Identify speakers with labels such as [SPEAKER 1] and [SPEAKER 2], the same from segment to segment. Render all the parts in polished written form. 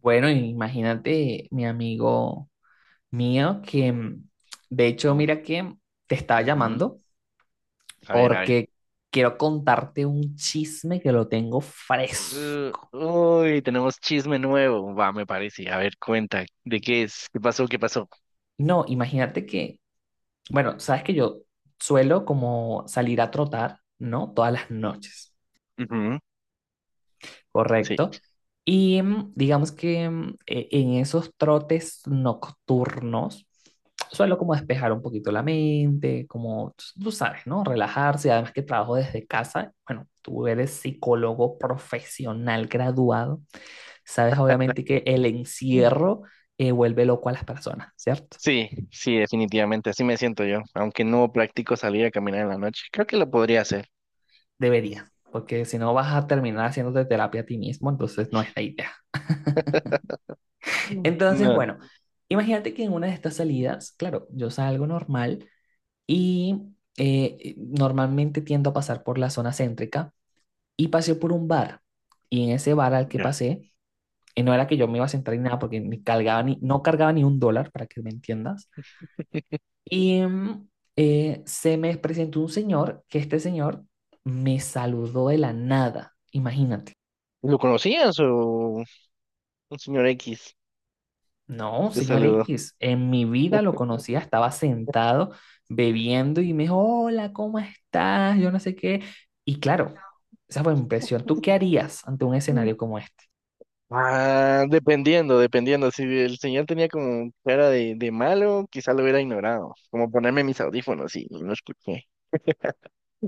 [SPEAKER 1] Bueno, imagínate, mi amigo mío, que
[SPEAKER 2] Uy,
[SPEAKER 1] de hecho,
[SPEAKER 2] ¿cómo es?
[SPEAKER 1] mira que te estaba
[SPEAKER 2] Ujú.
[SPEAKER 1] llamando
[SPEAKER 2] A ver, a ver.
[SPEAKER 1] porque quiero contarte un chisme que lo tengo fresco.
[SPEAKER 2] Tenemos chisme nuevo. Va, me parece. A ver, cuenta. ¿De qué es? ¿Qué pasó? ¿Qué pasó?
[SPEAKER 1] No, imagínate que, bueno, sabes que yo suelo como salir a trotar, ¿no? Todas las noches.
[SPEAKER 2] Ujú. Sí.
[SPEAKER 1] Correcto. Y digamos que en esos trotes nocturnos suelo como despejar un poquito la mente, como tú sabes, ¿no? Relajarse, además que trabajo desde casa. Bueno, tú eres psicólogo profesional graduado, sabes obviamente que el
[SPEAKER 2] Mm.
[SPEAKER 1] encierro vuelve loco a las personas, ¿cierto?
[SPEAKER 2] Sí, sí, definitivamente. Así me siento yo. Aunque no practico salir a caminar en la noche. Creo que lo podría hacer.
[SPEAKER 1] Debería, porque si no vas a terminar haciéndote terapia a ti mismo, entonces no es la idea.
[SPEAKER 2] Mm.
[SPEAKER 1] Entonces,
[SPEAKER 2] No.
[SPEAKER 1] bueno, imagínate que en una de estas salidas, claro, yo salgo normal y normalmente tiendo a pasar por la zona céntrica y pasé por un bar. Y en ese bar al que
[SPEAKER 2] Ya.
[SPEAKER 1] pasé, no era que yo me iba a sentar ni nada porque ni cargaba ni, no cargaba ni un dólar, para que me entiendas. Y se me presentó un señor que este señor me saludó de la nada, imagínate.
[SPEAKER 2] ¿Lo conocías o un señor X
[SPEAKER 1] No,
[SPEAKER 2] te
[SPEAKER 1] señor
[SPEAKER 2] saludó?
[SPEAKER 1] X, en mi vida lo conocía, estaba sentado bebiendo y me dijo, hola, ¿cómo estás? Yo no sé qué. Y claro, esa fue mi impresión. ¿Tú qué harías ante un
[SPEAKER 2] Mm.
[SPEAKER 1] escenario como este?
[SPEAKER 2] Ah, dependiendo, dependiendo. Si el señor tenía como cara de malo, quizá lo hubiera ignorado. Como ponerme mis audífonos y no escuché.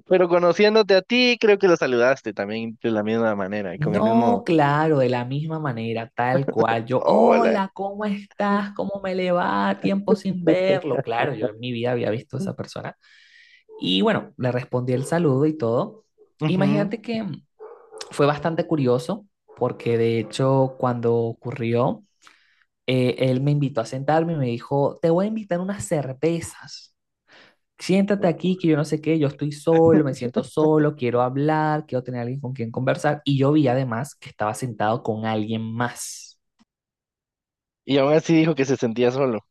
[SPEAKER 2] Pero conociéndote a ti, creo que lo saludaste también de la misma manera y con el
[SPEAKER 1] No,
[SPEAKER 2] mismo
[SPEAKER 1] claro, de la misma manera, tal cual. Yo,
[SPEAKER 2] hola.
[SPEAKER 1] hola, ¿cómo estás? ¿Cómo me le va? Tiempo sin verlo. Claro, yo en mi vida había visto a esa persona. Y bueno, le respondí el saludo y todo.
[SPEAKER 2] Ujú.
[SPEAKER 1] Imagínate que fue bastante curioso porque de hecho cuando ocurrió él me invitó a sentarme y me dijo, te voy a invitar unas cervezas. Siéntate aquí, que yo no sé qué, yo estoy solo, me siento solo, quiero hablar, quiero tener alguien con quien conversar. Y yo vi además que estaba sentado con alguien más.
[SPEAKER 2] Y aún así dijo que se sentía solo.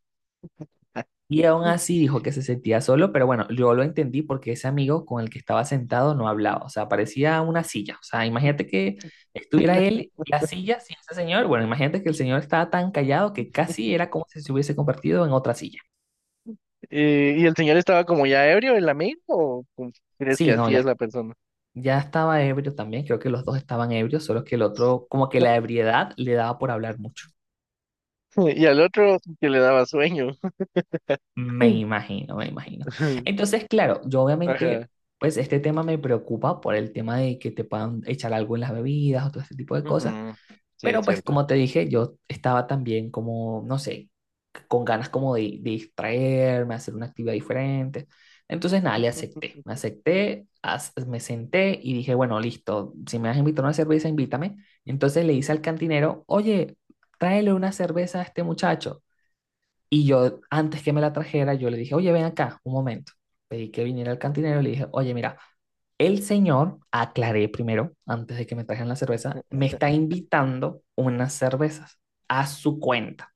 [SPEAKER 1] Y aún así dijo que se sentía solo, pero bueno, yo lo entendí porque ese amigo con el que estaba sentado no hablaba, o sea, parecía una silla. O sea, imagínate que estuviera él y la silla sin ese señor. Bueno, imagínate que el señor estaba tan callado que casi era como si se hubiese convertido en otra silla.
[SPEAKER 2] ¿Y el señor estaba como ya ebrio, el amigo? ¿O cómo crees que
[SPEAKER 1] Sí, no,
[SPEAKER 2] así es
[SPEAKER 1] ya
[SPEAKER 2] la persona?
[SPEAKER 1] Ya estaba ebrio también, creo que los dos estaban ebrios, solo que el otro, como que la ebriedad le daba por hablar mucho.
[SPEAKER 2] Y al otro que le daba sueño.
[SPEAKER 1] Me imagino, me imagino. Entonces, claro, yo obviamente,
[SPEAKER 2] Ajá.
[SPEAKER 1] pues este tema me preocupa por el tema de que te puedan echar algo en las bebidas o todo este tipo de cosas,
[SPEAKER 2] Ujú. Sí, es
[SPEAKER 1] pero pues
[SPEAKER 2] cierto.
[SPEAKER 1] como te dije, yo estaba también como, no sé, con ganas como de distraerme, hacer una actividad diferente. Entonces, nada, le acepté, me acepté, as- me senté y dije, bueno, listo, si me vas a invitar a una cerveza, invítame. Entonces le hice al cantinero, oye, tráele una cerveza a este muchacho. Y yo, antes que me la trajera, yo le dije, oye, ven acá, un momento. Pedí que viniera el cantinero y le dije, oye, mira, el señor, aclaré primero, antes de que me trajeran la cerveza, me está invitando unas cervezas a su cuenta.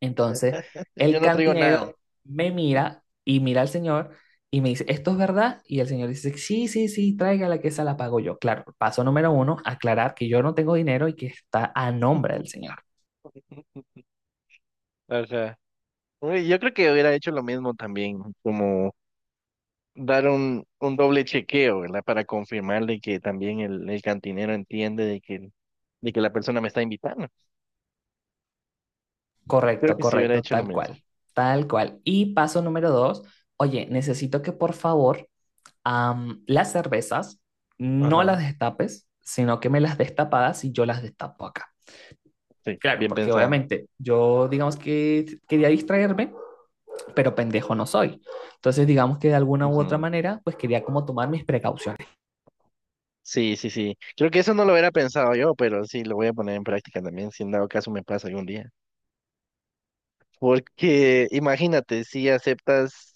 [SPEAKER 1] Entonces,
[SPEAKER 2] Yo
[SPEAKER 1] el
[SPEAKER 2] no traigo nada.
[SPEAKER 1] cantinero me mira y mira al señor y me dice, ¿esto es verdad? Y el señor dice, sí, sí, sí, tráigala que esa la pago yo. Claro, paso número uno, aclarar que yo no tengo dinero y que está a nombre del señor.
[SPEAKER 2] Ajá. Uy, yo creo que hubiera hecho lo mismo también, como dar un doble chequeo, ¿verdad? Para confirmar de que también el cantinero entiende de que la persona me está invitando. Creo
[SPEAKER 1] Correcto,
[SPEAKER 2] que si hubiera
[SPEAKER 1] correcto,
[SPEAKER 2] hecho lo
[SPEAKER 1] tal
[SPEAKER 2] mismo.
[SPEAKER 1] cual, tal cual. Y paso número dos, oye, necesito que por favor las cervezas no las
[SPEAKER 2] Ajá.
[SPEAKER 1] destapes, sino que me las destapadas y yo las destapo acá.
[SPEAKER 2] Sí,
[SPEAKER 1] Claro,
[SPEAKER 2] bien
[SPEAKER 1] porque
[SPEAKER 2] pensado.
[SPEAKER 1] obviamente yo digamos que quería distraerme pero pendejo no soy. Entonces, digamos que de alguna u otra
[SPEAKER 2] Ujú.
[SPEAKER 1] manera, pues quería como tomar mis precauciones.
[SPEAKER 2] Sí, sí, sí. Creo que eso no lo hubiera pensado yo, pero sí lo voy a poner en práctica también, si en dado caso me pasa algún día. Porque imagínate, si aceptas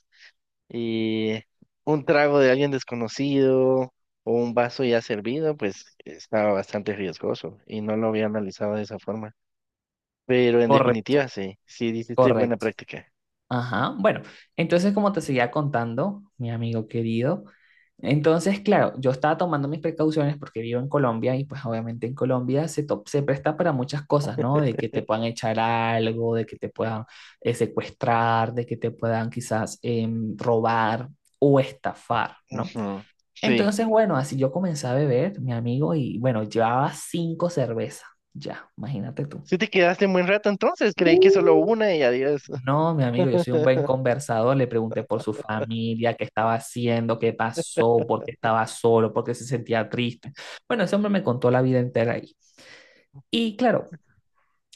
[SPEAKER 2] eh, un trago de alguien desconocido o un vaso ya servido, pues estaba bastante riesgoso y no lo había analizado de esa forma. Pero en
[SPEAKER 1] Correcto,
[SPEAKER 2] definitiva, sí, sí, hiciste buena
[SPEAKER 1] correcto.
[SPEAKER 2] práctica.
[SPEAKER 1] Ajá. Bueno, entonces como te seguía contando, mi amigo querido, entonces, claro, yo estaba tomando mis precauciones porque vivo en Colombia y pues obviamente en Colombia se, se presta para muchas cosas, ¿no? De que te puedan echar algo, de que te puedan secuestrar, de que te puedan quizás robar o estafar, ¿no?
[SPEAKER 2] Ujú. Sí.
[SPEAKER 1] Entonces, bueno, así yo comencé a beber, mi amigo, y bueno, llevaba cinco cervezas, ya, imagínate tú.
[SPEAKER 2] Sí te quedaste un buen rato entonces, creí que solo
[SPEAKER 1] Uh.
[SPEAKER 2] una y adiós.
[SPEAKER 1] No, mi amigo, yo soy un buen conversador, le pregunté por su familia, qué estaba haciendo, qué pasó, por qué estaba solo, por qué se sentía triste. Bueno, ese hombre me contó la vida entera ahí. Y claro,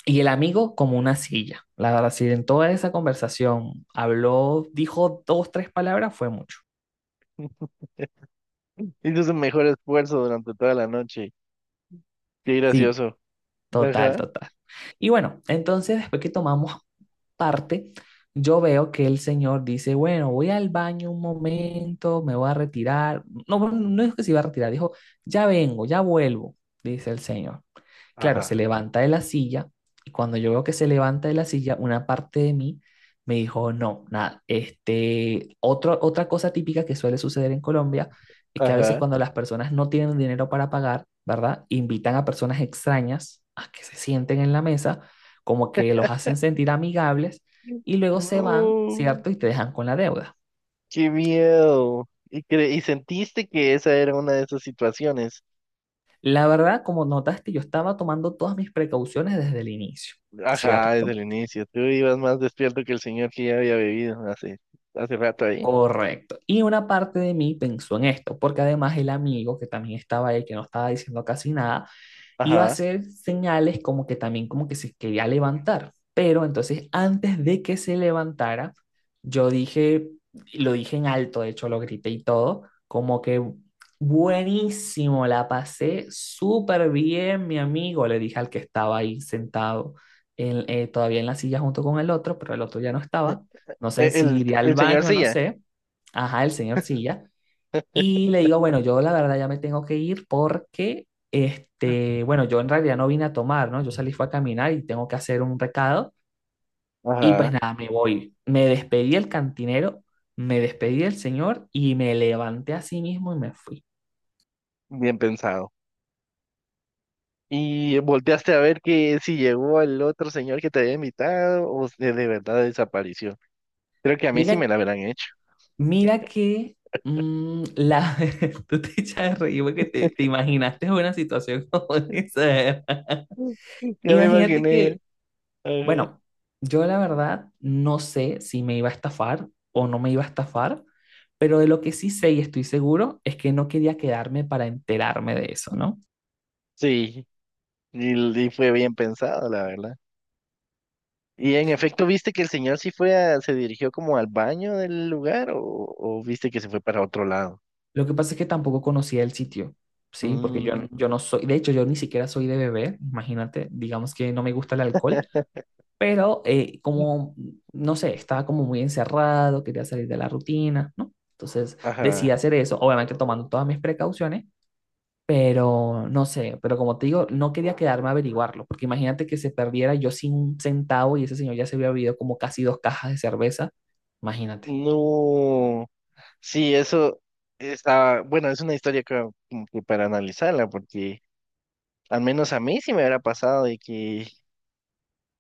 [SPEAKER 1] y el amigo como una silla, la verdad, si en toda esa conversación habló, dijo dos, tres palabras, fue mucho.
[SPEAKER 2] Hizo su mejor esfuerzo durante toda la noche. Qué
[SPEAKER 1] Sí,
[SPEAKER 2] gracioso.
[SPEAKER 1] total,
[SPEAKER 2] Ajá.
[SPEAKER 1] total. Y bueno, entonces después que tomamos parte, yo veo que el señor dice, bueno, voy al baño un momento, me voy a retirar. No, bueno, no es que se iba a retirar, dijo, ya vengo, ya vuelvo, dice el señor. Claro, se
[SPEAKER 2] Ajá.
[SPEAKER 1] levanta de la silla y cuando yo veo que se levanta de la silla, una parte de mí me dijo, no, nada, este, otra cosa típica que suele suceder en Colombia es que a veces
[SPEAKER 2] Ajá.
[SPEAKER 1] cuando las personas no tienen dinero para pagar, ¿verdad? Invitan a personas extrañas a que se sienten en la mesa, como que los hacen sentir amigables y luego se van,
[SPEAKER 2] No,
[SPEAKER 1] ¿cierto? Y te dejan con la deuda.
[SPEAKER 2] qué miedo. Y, y sentiste que esa era una de esas situaciones.
[SPEAKER 1] La verdad, como notaste, yo estaba tomando todas mis precauciones desde el inicio,
[SPEAKER 2] Ajá,
[SPEAKER 1] ¿cierto?
[SPEAKER 2] desde el inicio. Tú ibas más despierto que el señor que ya había bebido hace, hace rato ahí.
[SPEAKER 1] Correcto. Y una parte de mí pensó en esto, porque además el amigo que también estaba ahí, que no estaba diciendo casi nada, iba a
[SPEAKER 2] Ajá.
[SPEAKER 1] hacer señales como que también como que se quería levantar. Pero entonces antes de que se levantara, yo dije, lo dije en alto, de hecho lo grité y todo, como que buenísimo, la pasé súper bien, mi amigo, le dije al que estaba ahí sentado todavía en la silla junto con el otro, pero el otro ya no estaba. No sé si iría al
[SPEAKER 2] El señor
[SPEAKER 1] baño,
[SPEAKER 2] sí
[SPEAKER 1] no
[SPEAKER 2] ya.
[SPEAKER 1] sé. Ajá, el señor Silla. Y le digo, bueno, yo la verdad ya me tengo que ir porque, este, bueno, yo en realidad no vine a tomar, ¿no? Yo salí fue a caminar y tengo que hacer un recado. Y pues
[SPEAKER 2] Ajá.
[SPEAKER 1] nada, me voy. Me despedí del cantinero, me despedí del señor y me levanté a sí mismo y me fui.
[SPEAKER 2] Bien pensado. ¿Y volteaste a ver que si llegó el otro señor que te había invitado o de verdad desapareció? Creo que a mí sí
[SPEAKER 1] Mira,
[SPEAKER 2] me la habrán hecho.
[SPEAKER 1] mira que mm, la... tú te, echas de reír porque te imaginaste una situación como esa.
[SPEAKER 2] Ya me
[SPEAKER 1] Imagínate
[SPEAKER 2] imaginé.
[SPEAKER 1] que
[SPEAKER 2] Ajá.
[SPEAKER 1] Bueno, yo la verdad no sé si me iba a estafar o no me iba a estafar, pero de lo que sí sé y estoy seguro es que no quería quedarme para enterarme de eso, ¿no?
[SPEAKER 2] Sí, y fue bien pensado, la verdad. Y en efecto, ¿viste que el señor sí se dirigió como al baño del lugar o viste que se fue para otro lado?
[SPEAKER 1] Lo que pasa es que tampoco conocía el sitio, ¿sí? Porque yo,
[SPEAKER 2] Mm,
[SPEAKER 1] yo no soy, de hecho yo ni siquiera soy de beber, imagínate, digamos que no me gusta el alcohol, pero como, no sé, estaba como muy encerrado, quería salir de la rutina, ¿no? Entonces
[SPEAKER 2] ajá.
[SPEAKER 1] decidí hacer eso, obviamente tomando todas mis precauciones. Pero no sé, pero como te digo, no quería quedarme a averiguarlo, porque imagínate que se perdiera yo sin un centavo y ese señor ya se había bebido como casi dos cajas de cerveza. Imagínate.
[SPEAKER 2] No. Sí, eso está, bueno, es una historia que, como que para analizarla, porque al menos a mí sí me hubiera pasado de que,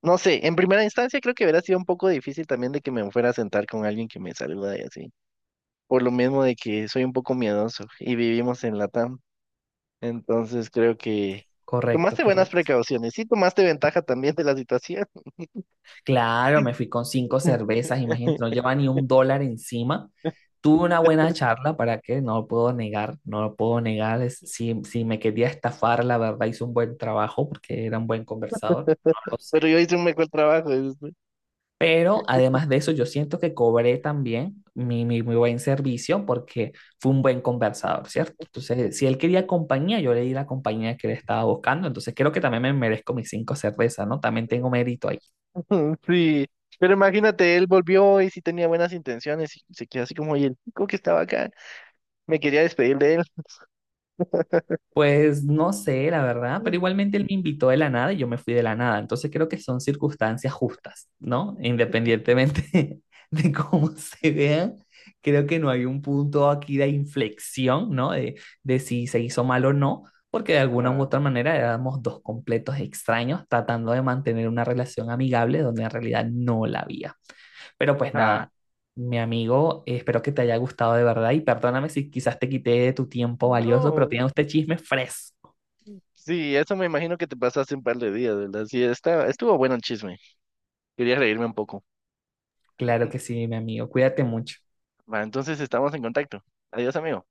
[SPEAKER 2] no sé, en primera instancia creo que hubiera sido un poco difícil también de que me fuera a sentar con alguien que me saluda y así, por lo mismo de que soy un poco miedoso y vivimos en Latam, entonces creo que
[SPEAKER 1] Correcto,
[SPEAKER 2] tomaste buenas
[SPEAKER 1] correcto.
[SPEAKER 2] precauciones, sí tomaste ventaja también de la situación.
[SPEAKER 1] Claro, me fui con cinco cervezas, imagínate, no llevaba ni un dólar encima. Tuve una buena charla, ¿para qué? No lo puedo negar, no lo puedo negar. Si me quería estafar, la verdad, hizo un buen trabajo porque era un buen conversador, no lo sé.
[SPEAKER 2] Pero yo hice un mejor trabajo. Dices.
[SPEAKER 1] Pero además de eso, yo siento que cobré también mi buen servicio porque fue un buen conversador, ¿cierto? Entonces, si él quería compañía, yo le di la compañía que él estaba buscando. Entonces, creo que también me merezco mis cinco cervezas, ¿no? También tengo mérito ahí.
[SPEAKER 2] Mm. Sí, pero imagínate, él volvió y sí tenía buenas intenciones y se quedó así como, y el chico que estaba acá, me quería despedir de él.
[SPEAKER 1] Pues no sé, la verdad, pero
[SPEAKER 2] Mm.
[SPEAKER 1] igualmente él me invitó de la nada y yo me fui de la nada. Entonces creo que son circunstancias justas, ¿no? Independientemente de cómo se vean, creo que no hay un punto aquí de inflexión, ¿no? De si se hizo mal o no, porque de alguna u
[SPEAKER 2] Ajá,
[SPEAKER 1] otra manera éramos dos completos extraños tratando de mantener una relación amigable donde en realidad no la había. Pero pues
[SPEAKER 2] ajá.
[SPEAKER 1] nada, mi amigo, espero que te haya gustado de verdad y perdóname si quizás te quité de tu tiempo valioso, pero
[SPEAKER 2] No,
[SPEAKER 1] tenía usted chisme fresco.
[SPEAKER 2] sí, eso me imagino que te pasaste un par de días, ¿verdad? Sí, está, estuvo bueno el chisme. Quería reírme un poco.
[SPEAKER 1] Claro que sí, mi amigo, cuídate mucho.
[SPEAKER 2] Va, entonces estamos en contacto. Adiós, amigo.